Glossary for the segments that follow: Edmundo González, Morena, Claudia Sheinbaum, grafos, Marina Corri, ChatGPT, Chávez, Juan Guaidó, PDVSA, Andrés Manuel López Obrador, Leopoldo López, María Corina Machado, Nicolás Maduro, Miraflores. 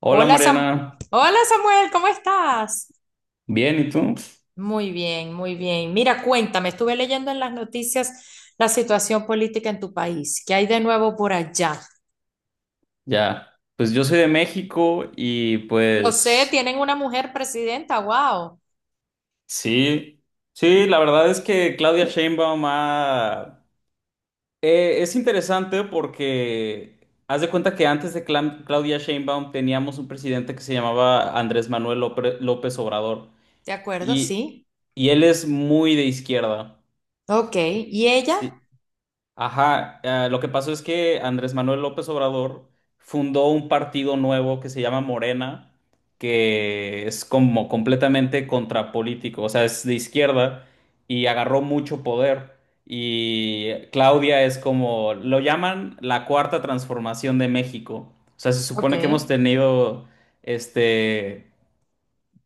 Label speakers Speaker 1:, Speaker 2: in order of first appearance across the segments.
Speaker 1: Hola
Speaker 2: Hola, Sam-
Speaker 1: Mariana,
Speaker 2: Hola Samuel, ¿cómo estás?
Speaker 1: bien, ¿y tú?
Speaker 2: Muy bien, muy bien. Mira, cuéntame, estuve leyendo en las noticias la situación política en tu país. ¿Qué hay de nuevo por allá?
Speaker 1: Ya, pues yo soy de México y
Speaker 2: Lo sé,
Speaker 1: pues
Speaker 2: tienen una mujer presidenta, wow.
Speaker 1: sí, sí, la verdad es que es interesante porque haz de cuenta que antes de Claudia Sheinbaum teníamos un presidente que se llamaba Andrés Manuel López Obrador
Speaker 2: De acuerdo,
Speaker 1: y,
Speaker 2: sí.
Speaker 1: y él es muy de izquierda.
Speaker 2: Ok, ¿y ella?
Speaker 1: Sí, ajá, lo que pasó es que Andrés Manuel López Obrador fundó un partido nuevo que se llama Morena, que es como completamente contrapolítico, o sea, es de izquierda y agarró mucho poder. Y Claudia es como, lo llaman la cuarta transformación de México. O sea, se
Speaker 2: Ok,
Speaker 1: supone que hemos tenido este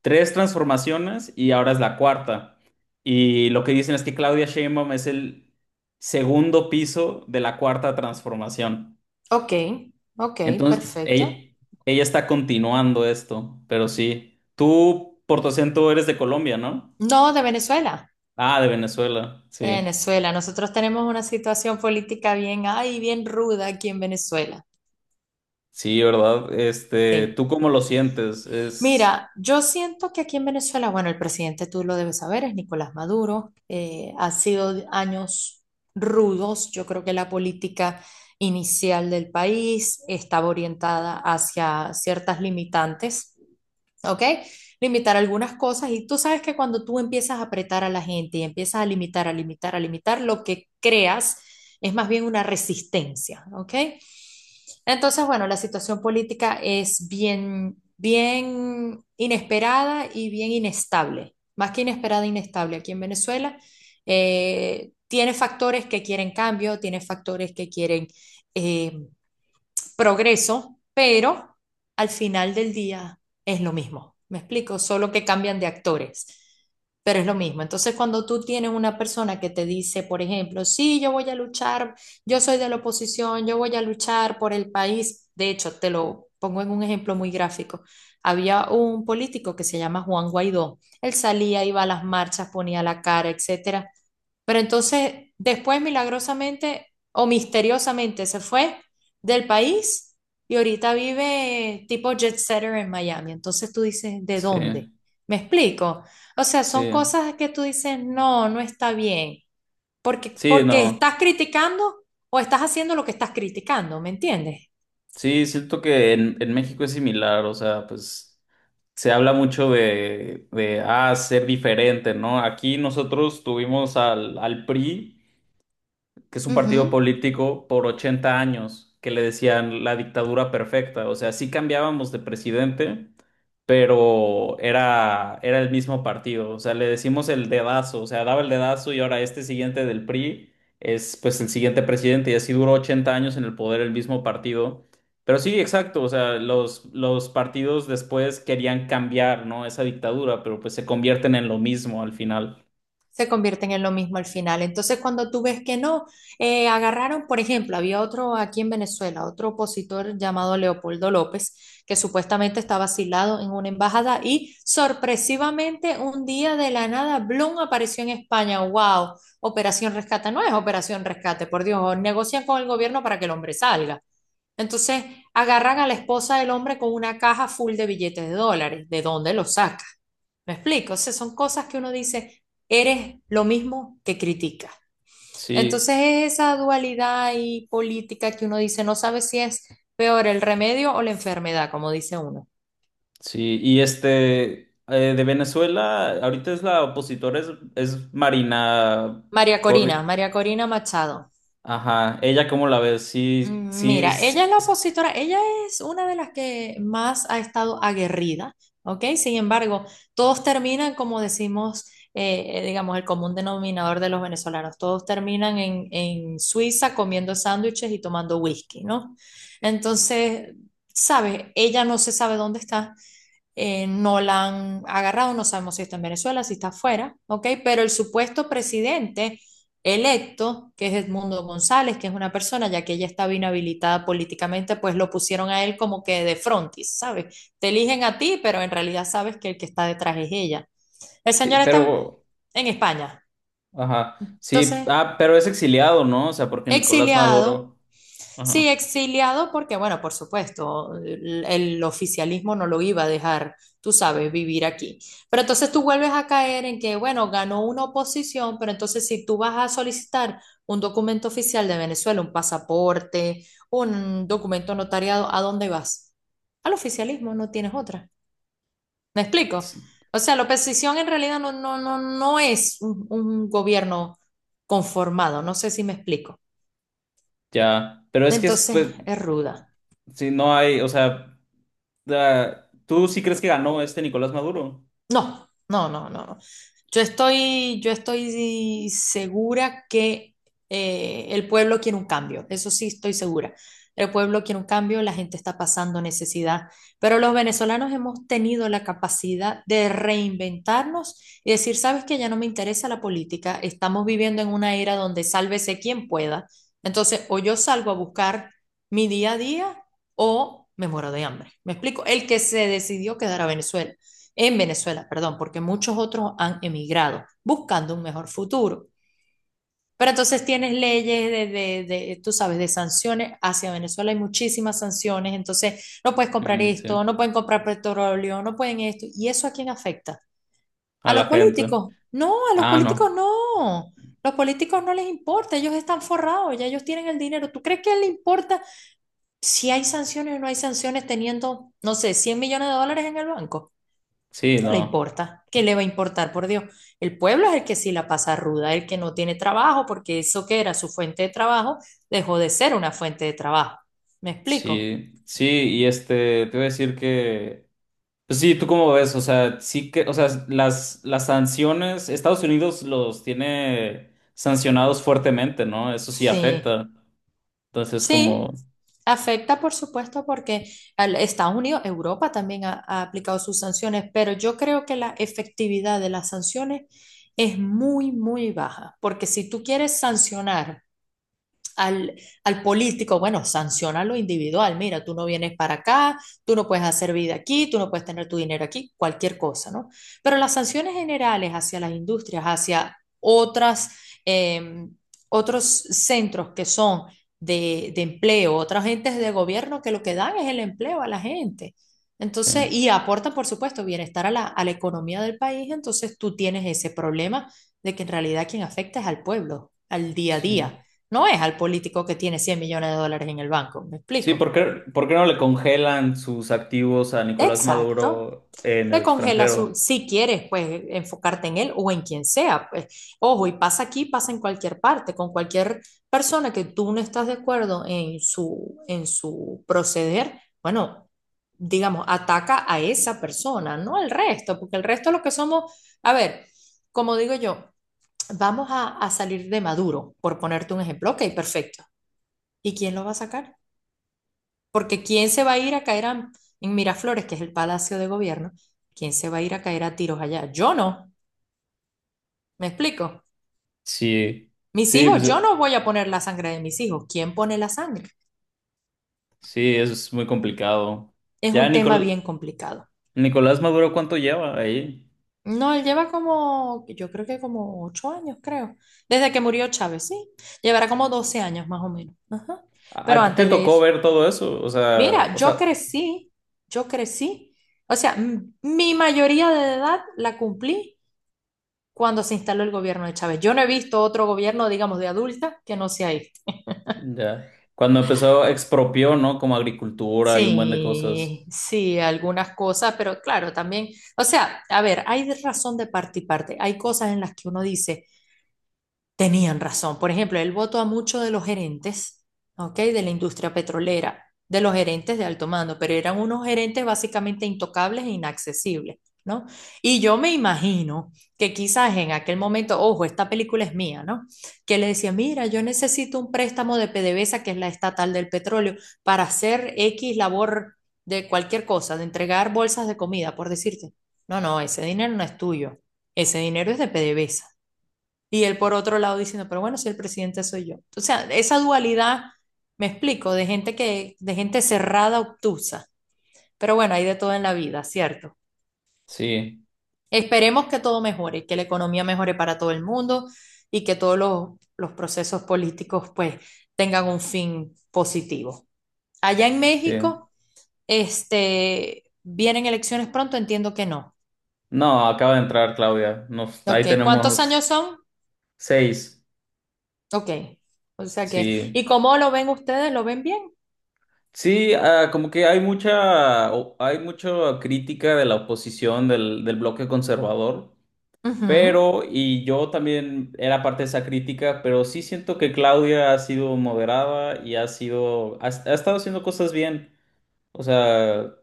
Speaker 1: tres transformaciones y ahora es la cuarta. Y lo que dicen es que Claudia Sheinbaum es el segundo piso de la cuarta transformación.
Speaker 2: ok, ok,
Speaker 1: Entonces,
Speaker 2: perfecto.
Speaker 1: ella está continuando esto, pero sí. Tú, por tu acento, eres de Colombia, ¿no?
Speaker 2: No, de Venezuela.
Speaker 1: Ah, de Venezuela,
Speaker 2: De
Speaker 1: sí.
Speaker 2: Venezuela, nosotros tenemos una situación política bien, ay, bien ruda aquí en Venezuela.
Speaker 1: Sí, ¿verdad? Este,
Speaker 2: Sí.
Speaker 1: ¿tú cómo lo sientes? Es...
Speaker 2: Mira, yo siento que aquí en Venezuela, bueno, el presidente tú lo debes saber, es Nicolás Maduro. Ha sido años rudos. Yo creo que la política inicial del país estaba orientada hacia ciertas limitantes. ¿Ok? Limitar algunas cosas y tú sabes que cuando tú empiezas a apretar a la gente y empiezas a limitar, a limitar, a limitar, lo que creas es más bien una resistencia, ¿ok? Entonces, bueno, la situación política es bien, bien inesperada y bien inestable, más que inesperada, inestable aquí en Venezuela. Tiene factores que quieren cambio, tiene factores que quieren eh, es progreso, pero al final del día es lo mismo. ¿Me explico? Solo que cambian de actores, pero es lo mismo. Entonces, cuando tú tienes una persona que te dice, por ejemplo, sí, yo voy a luchar, yo soy de la oposición, yo voy a luchar por el país, de hecho, te lo pongo en un ejemplo muy gráfico. Había un político que se llama Juan Guaidó. Él salía, iba a las marchas, ponía la cara, etcétera. Pero entonces, después milagrosamente o misteriosamente se fue del país y ahorita vive tipo jet setter en Miami. Entonces tú dices, ¿de
Speaker 1: Sí,
Speaker 2: dónde? ¿Me explico? O sea,
Speaker 1: sí.
Speaker 2: son cosas que tú dices, no, no está bien. Porque,
Speaker 1: Sí,
Speaker 2: porque
Speaker 1: no.
Speaker 2: estás criticando o estás haciendo lo que estás criticando, ¿me entiendes?
Speaker 1: Sí, siento que en México es similar, o sea, pues se habla mucho ah, ser diferente, ¿no? Aquí nosotros tuvimos al PRI que es un partido
Speaker 2: Ujú.
Speaker 1: político por 80 años, que le decían la dictadura perfecta. O sea, sí cambiábamos de presidente, pero era el mismo partido. O sea, le decimos el dedazo, o sea, daba el dedazo y ahora este siguiente del PRI es pues el siguiente presidente y así duró 80 años en el poder el mismo partido. Pero sí, exacto, o sea, los partidos después querían cambiar, ¿no? Esa dictadura, pero pues se convierten en lo mismo al final.
Speaker 2: Se convierten en lo mismo al final. Entonces, cuando tú ves que no, agarraron, por ejemplo, había otro aquí en Venezuela, otro opositor llamado Leopoldo López, que supuestamente estaba asilado en una embajada y sorpresivamente un día de la nada, Blum apareció en España. ¡Wow! Operación Rescate, no es Operación Rescate, por Dios, negocian con el gobierno para que el hombre salga. Entonces, agarran a la esposa del hombre con una caja full de billetes de dólares. ¿De dónde los sacan? Me explico, o sea, son cosas que uno dice, eres lo mismo que criticas.
Speaker 1: Sí.
Speaker 2: Entonces es esa dualidad y política que uno dice, no sabe si es peor el remedio o la enfermedad, como dice uno.
Speaker 1: Sí, y este, de Venezuela, ahorita es la opositora, es Marina
Speaker 2: María Corina,
Speaker 1: Corri...
Speaker 2: María Corina Machado.
Speaker 1: Ajá, ella cómo la ves,
Speaker 2: Mira, ella es la opositora, ella es una de las que más ha estado aguerrida, ¿ok? Sin embargo, todos terminan, como decimos, digamos, el común denominador de los venezolanos, todos terminan en Suiza comiendo sándwiches y tomando whisky, ¿no? Entonces, ¿sabes? Ella no se sabe dónde está. No la han agarrado, no sabemos si está en Venezuela, si está afuera, ¿ok? Pero el supuesto presidente electo, que es Edmundo González, que es una persona, ya que ella estaba inhabilitada políticamente, pues lo pusieron a él como que de frontis, ¿sabes? Te eligen a ti, pero en realidad sabes que el que está detrás es ella. El
Speaker 1: sí,
Speaker 2: señor está
Speaker 1: pero,
Speaker 2: en España,
Speaker 1: ajá, sí,
Speaker 2: entonces
Speaker 1: ah, pero es exiliado, ¿no? O sea, porque Nicolás
Speaker 2: exiliado.
Speaker 1: Maduro,
Speaker 2: Sí,
Speaker 1: ajá,
Speaker 2: exiliado porque, bueno, por supuesto, el oficialismo no lo iba a dejar, tú sabes, vivir aquí. Pero entonces tú vuelves a caer en que, bueno, ganó una oposición, pero entonces si tú vas a solicitar un documento oficial de Venezuela, un pasaporte, un documento notariado, ¿a dónde vas? Al oficialismo, no tienes otra. ¿Me explico?
Speaker 1: sí,
Speaker 2: O sea, la oposición en realidad no, no, no, no es un gobierno conformado, no sé si me explico.
Speaker 1: ya, pero es que es,
Speaker 2: Entonces
Speaker 1: pues,
Speaker 2: es ruda.
Speaker 1: si no hay, o sea, ¿tú sí crees que ganó este Nicolás Maduro?
Speaker 2: No, no, no, no, no. Yo estoy segura que el pueblo quiere un cambio, eso sí estoy segura. El pueblo quiere un cambio, la gente está pasando necesidad, pero los venezolanos hemos tenido la capacidad de reinventarnos y decir, sabes que ya no me interesa la política, estamos viviendo en una era donde sálvese quien pueda. Entonces, o yo salgo a buscar mi día a día o me muero de hambre. ¿Me explico? El que se decidió quedar a Venezuela en Venezuela, perdón, porque muchos otros han emigrado buscando un mejor futuro. Pero entonces tienes leyes de, tú sabes, de sanciones hacia Venezuela, hay muchísimas sanciones, entonces no puedes comprar
Speaker 1: Mm,
Speaker 2: esto,
Speaker 1: sí,
Speaker 2: no pueden comprar petróleo, no pueden esto. ¿Y eso a quién afecta? ¿A
Speaker 1: a
Speaker 2: los
Speaker 1: la gente.
Speaker 2: políticos? No, a los
Speaker 1: Ah,
Speaker 2: políticos
Speaker 1: no,
Speaker 2: no. Los políticos no les importa, ellos están forrados, ya ellos tienen el dinero. ¿Tú crees que a él le importa si hay sanciones o no hay sanciones teniendo, no sé, 100 millones de dólares en el banco?
Speaker 1: sí,
Speaker 2: No le
Speaker 1: no.
Speaker 2: importa. ¿Qué le va a importar, por Dios? El pueblo es el que sí la pasa ruda, el que no tiene trabajo, porque eso que era su fuente de trabajo dejó de ser una fuente de trabajo. ¿Me explico?
Speaker 1: Sí, sí, y este, te voy a decir que, pues sí, ¿tú cómo ves? O sea, sí que, o sea, las sanciones, Estados Unidos los tiene sancionados fuertemente, ¿no? Eso sí
Speaker 2: Sí,
Speaker 1: afecta. Entonces,
Speaker 2: sí,
Speaker 1: como,
Speaker 2: afecta, por supuesto, porque Estados Unidos, Europa también ha, aplicado sus sanciones, pero yo creo que la efectividad de las sanciones es muy, muy baja, porque si tú quieres sancionar al, político, bueno, sanciona lo individual, mira, tú no vienes para acá, tú no puedes hacer vida aquí, tú no puedes tener tu dinero aquí, cualquier cosa, ¿no? Pero las sanciones generales hacia las industrias, hacia otras, eh, otros centros que son de, empleo, otras entes de gobierno que lo que dan es el empleo a la gente.
Speaker 1: sí,
Speaker 2: Entonces, y aportan, por supuesto, bienestar a la, economía del país, entonces tú tienes ese problema de que en realidad quien afecta es al pueblo, al día a
Speaker 1: sí.
Speaker 2: día, no es al político que tiene 100 millones de dólares en el banco, ¿me
Speaker 1: Sí,
Speaker 2: explico?
Speaker 1: por qué no le congelan sus activos a Nicolás
Speaker 2: Exacto.
Speaker 1: Maduro en el
Speaker 2: Le congela su,
Speaker 1: extranjero?
Speaker 2: si quieres, pues enfocarte en él o en quien sea. Pues. Ojo, y pasa aquí, pasa en cualquier parte, con cualquier persona que tú no estás de acuerdo en su, proceder, bueno, digamos, ataca a esa persona, no al resto, porque el resto lo que somos, a ver, como digo yo, vamos a, salir de Maduro, por ponerte un ejemplo, ok, perfecto. ¿Y quién lo va a sacar? Porque ¿quién se va a ir a caer en Miraflores, que es el Palacio de Gobierno? ¿Quién se va a ir a caer a tiros allá? Yo no, ¿me explico?
Speaker 1: Sí,
Speaker 2: Mis
Speaker 1: sí, pues
Speaker 2: hijos, yo no voy a poner la sangre de mis hijos. ¿Quién pone la sangre?
Speaker 1: sí, eso es muy complicado.
Speaker 2: Es
Speaker 1: Ya,
Speaker 2: un tema bien complicado.
Speaker 1: Nicolás Maduro, ¿cuánto lleva ahí?
Speaker 2: No, él lleva como, yo creo que como 8 años, creo. Desde que murió Chávez, sí. Llevará como 12 años más o menos. Ajá.
Speaker 1: ¿A
Speaker 2: Pero
Speaker 1: ti te
Speaker 2: antes de
Speaker 1: tocó
Speaker 2: eso,
Speaker 1: ver todo eso?
Speaker 2: mira,
Speaker 1: O sea,
Speaker 2: yo crecí, yo crecí. O sea, mi mayoría de edad la cumplí cuando se instaló el gobierno de Chávez. Yo no he visto otro gobierno, digamos, de adulta que no sea este.
Speaker 1: ya. Cuando empezó expropió, ¿no? Como agricultura y un buen de
Speaker 2: Sí,
Speaker 1: cosas.
Speaker 2: sí, algunas cosas, pero claro, también, o sea, a ver, hay de razón de parte y parte. Hay cosas en las que uno dice, tenían razón. Por ejemplo, él votó a muchos de los gerentes, ¿ok? De la industria petrolera, de los gerentes de alto mando, pero eran unos gerentes básicamente intocables e inaccesibles, ¿no? Y yo me imagino que quizás en aquel momento, ojo, esta película es mía, ¿no? Que le decía, mira, yo necesito un préstamo de PDVSA, que es la estatal del petróleo, para hacer X labor de cualquier cosa, de entregar bolsas de comida, por decirte. No, no, ese dinero no es tuyo. Ese dinero es de PDVSA y él por otro lado diciendo, pero bueno, si el presidente soy yo. O sea, esa dualidad, me explico, de gente que, de gente cerrada, obtusa. Pero bueno, hay de todo en la vida, ¿cierto?
Speaker 1: Sí,
Speaker 2: Esperemos que todo mejore, que la economía mejore para todo el mundo y que todos los procesos políticos pues tengan un fin positivo. Allá en
Speaker 1: sí.
Speaker 2: México, este, ¿vienen elecciones pronto? Entiendo que no.
Speaker 1: No, acaba de entrar Claudia. Nos, ahí
Speaker 2: Ok, ¿cuántos años
Speaker 1: tenemos
Speaker 2: son?
Speaker 1: 6.
Speaker 2: Ok, o sea que,
Speaker 1: Sí.
Speaker 2: ¿y cómo lo ven ustedes? ¿Lo ven bien?
Speaker 1: Sí, ah, como que hay mucha, hay mucha crítica de la oposición del bloque conservador,
Speaker 2: Ujú.
Speaker 1: pero, y yo también era parte de esa crítica, pero sí siento que Claudia ha sido moderada y ha sido, ha estado haciendo cosas bien. O sea,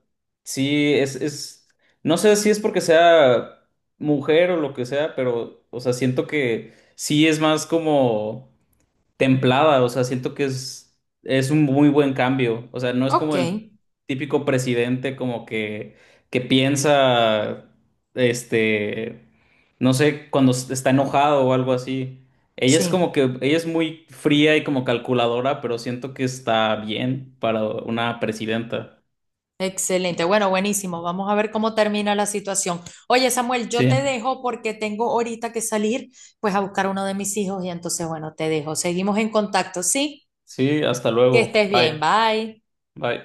Speaker 1: sí, es, no sé si es porque sea mujer o lo que sea, pero, o sea, siento que sí es más como templada, o sea, siento que es un muy buen cambio, o sea, no es como
Speaker 2: Ok,
Speaker 1: el típico presidente como que piensa, este, no sé, cuando está enojado o algo así. Ella es como
Speaker 2: sí,
Speaker 1: que, ella es muy fría y como calculadora, pero siento que está bien para una presidenta.
Speaker 2: excelente. Bueno, buenísimo. Vamos a ver cómo termina la situación. Oye, Samuel, yo te
Speaker 1: Sí,
Speaker 2: dejo porque tengo ahorita que salir, pues a buscar uno de mis hijos y entonces, bueno, te dejo. Seguimos en contacto, ¿sí?
Speaker 1: sí, hasta
Speaker 2: Que
Speaker 1: luego.
Speaker 2: estés bien.
Speaker 1: Bye,
Speaker 2: Bye.
Speaker 1: bye.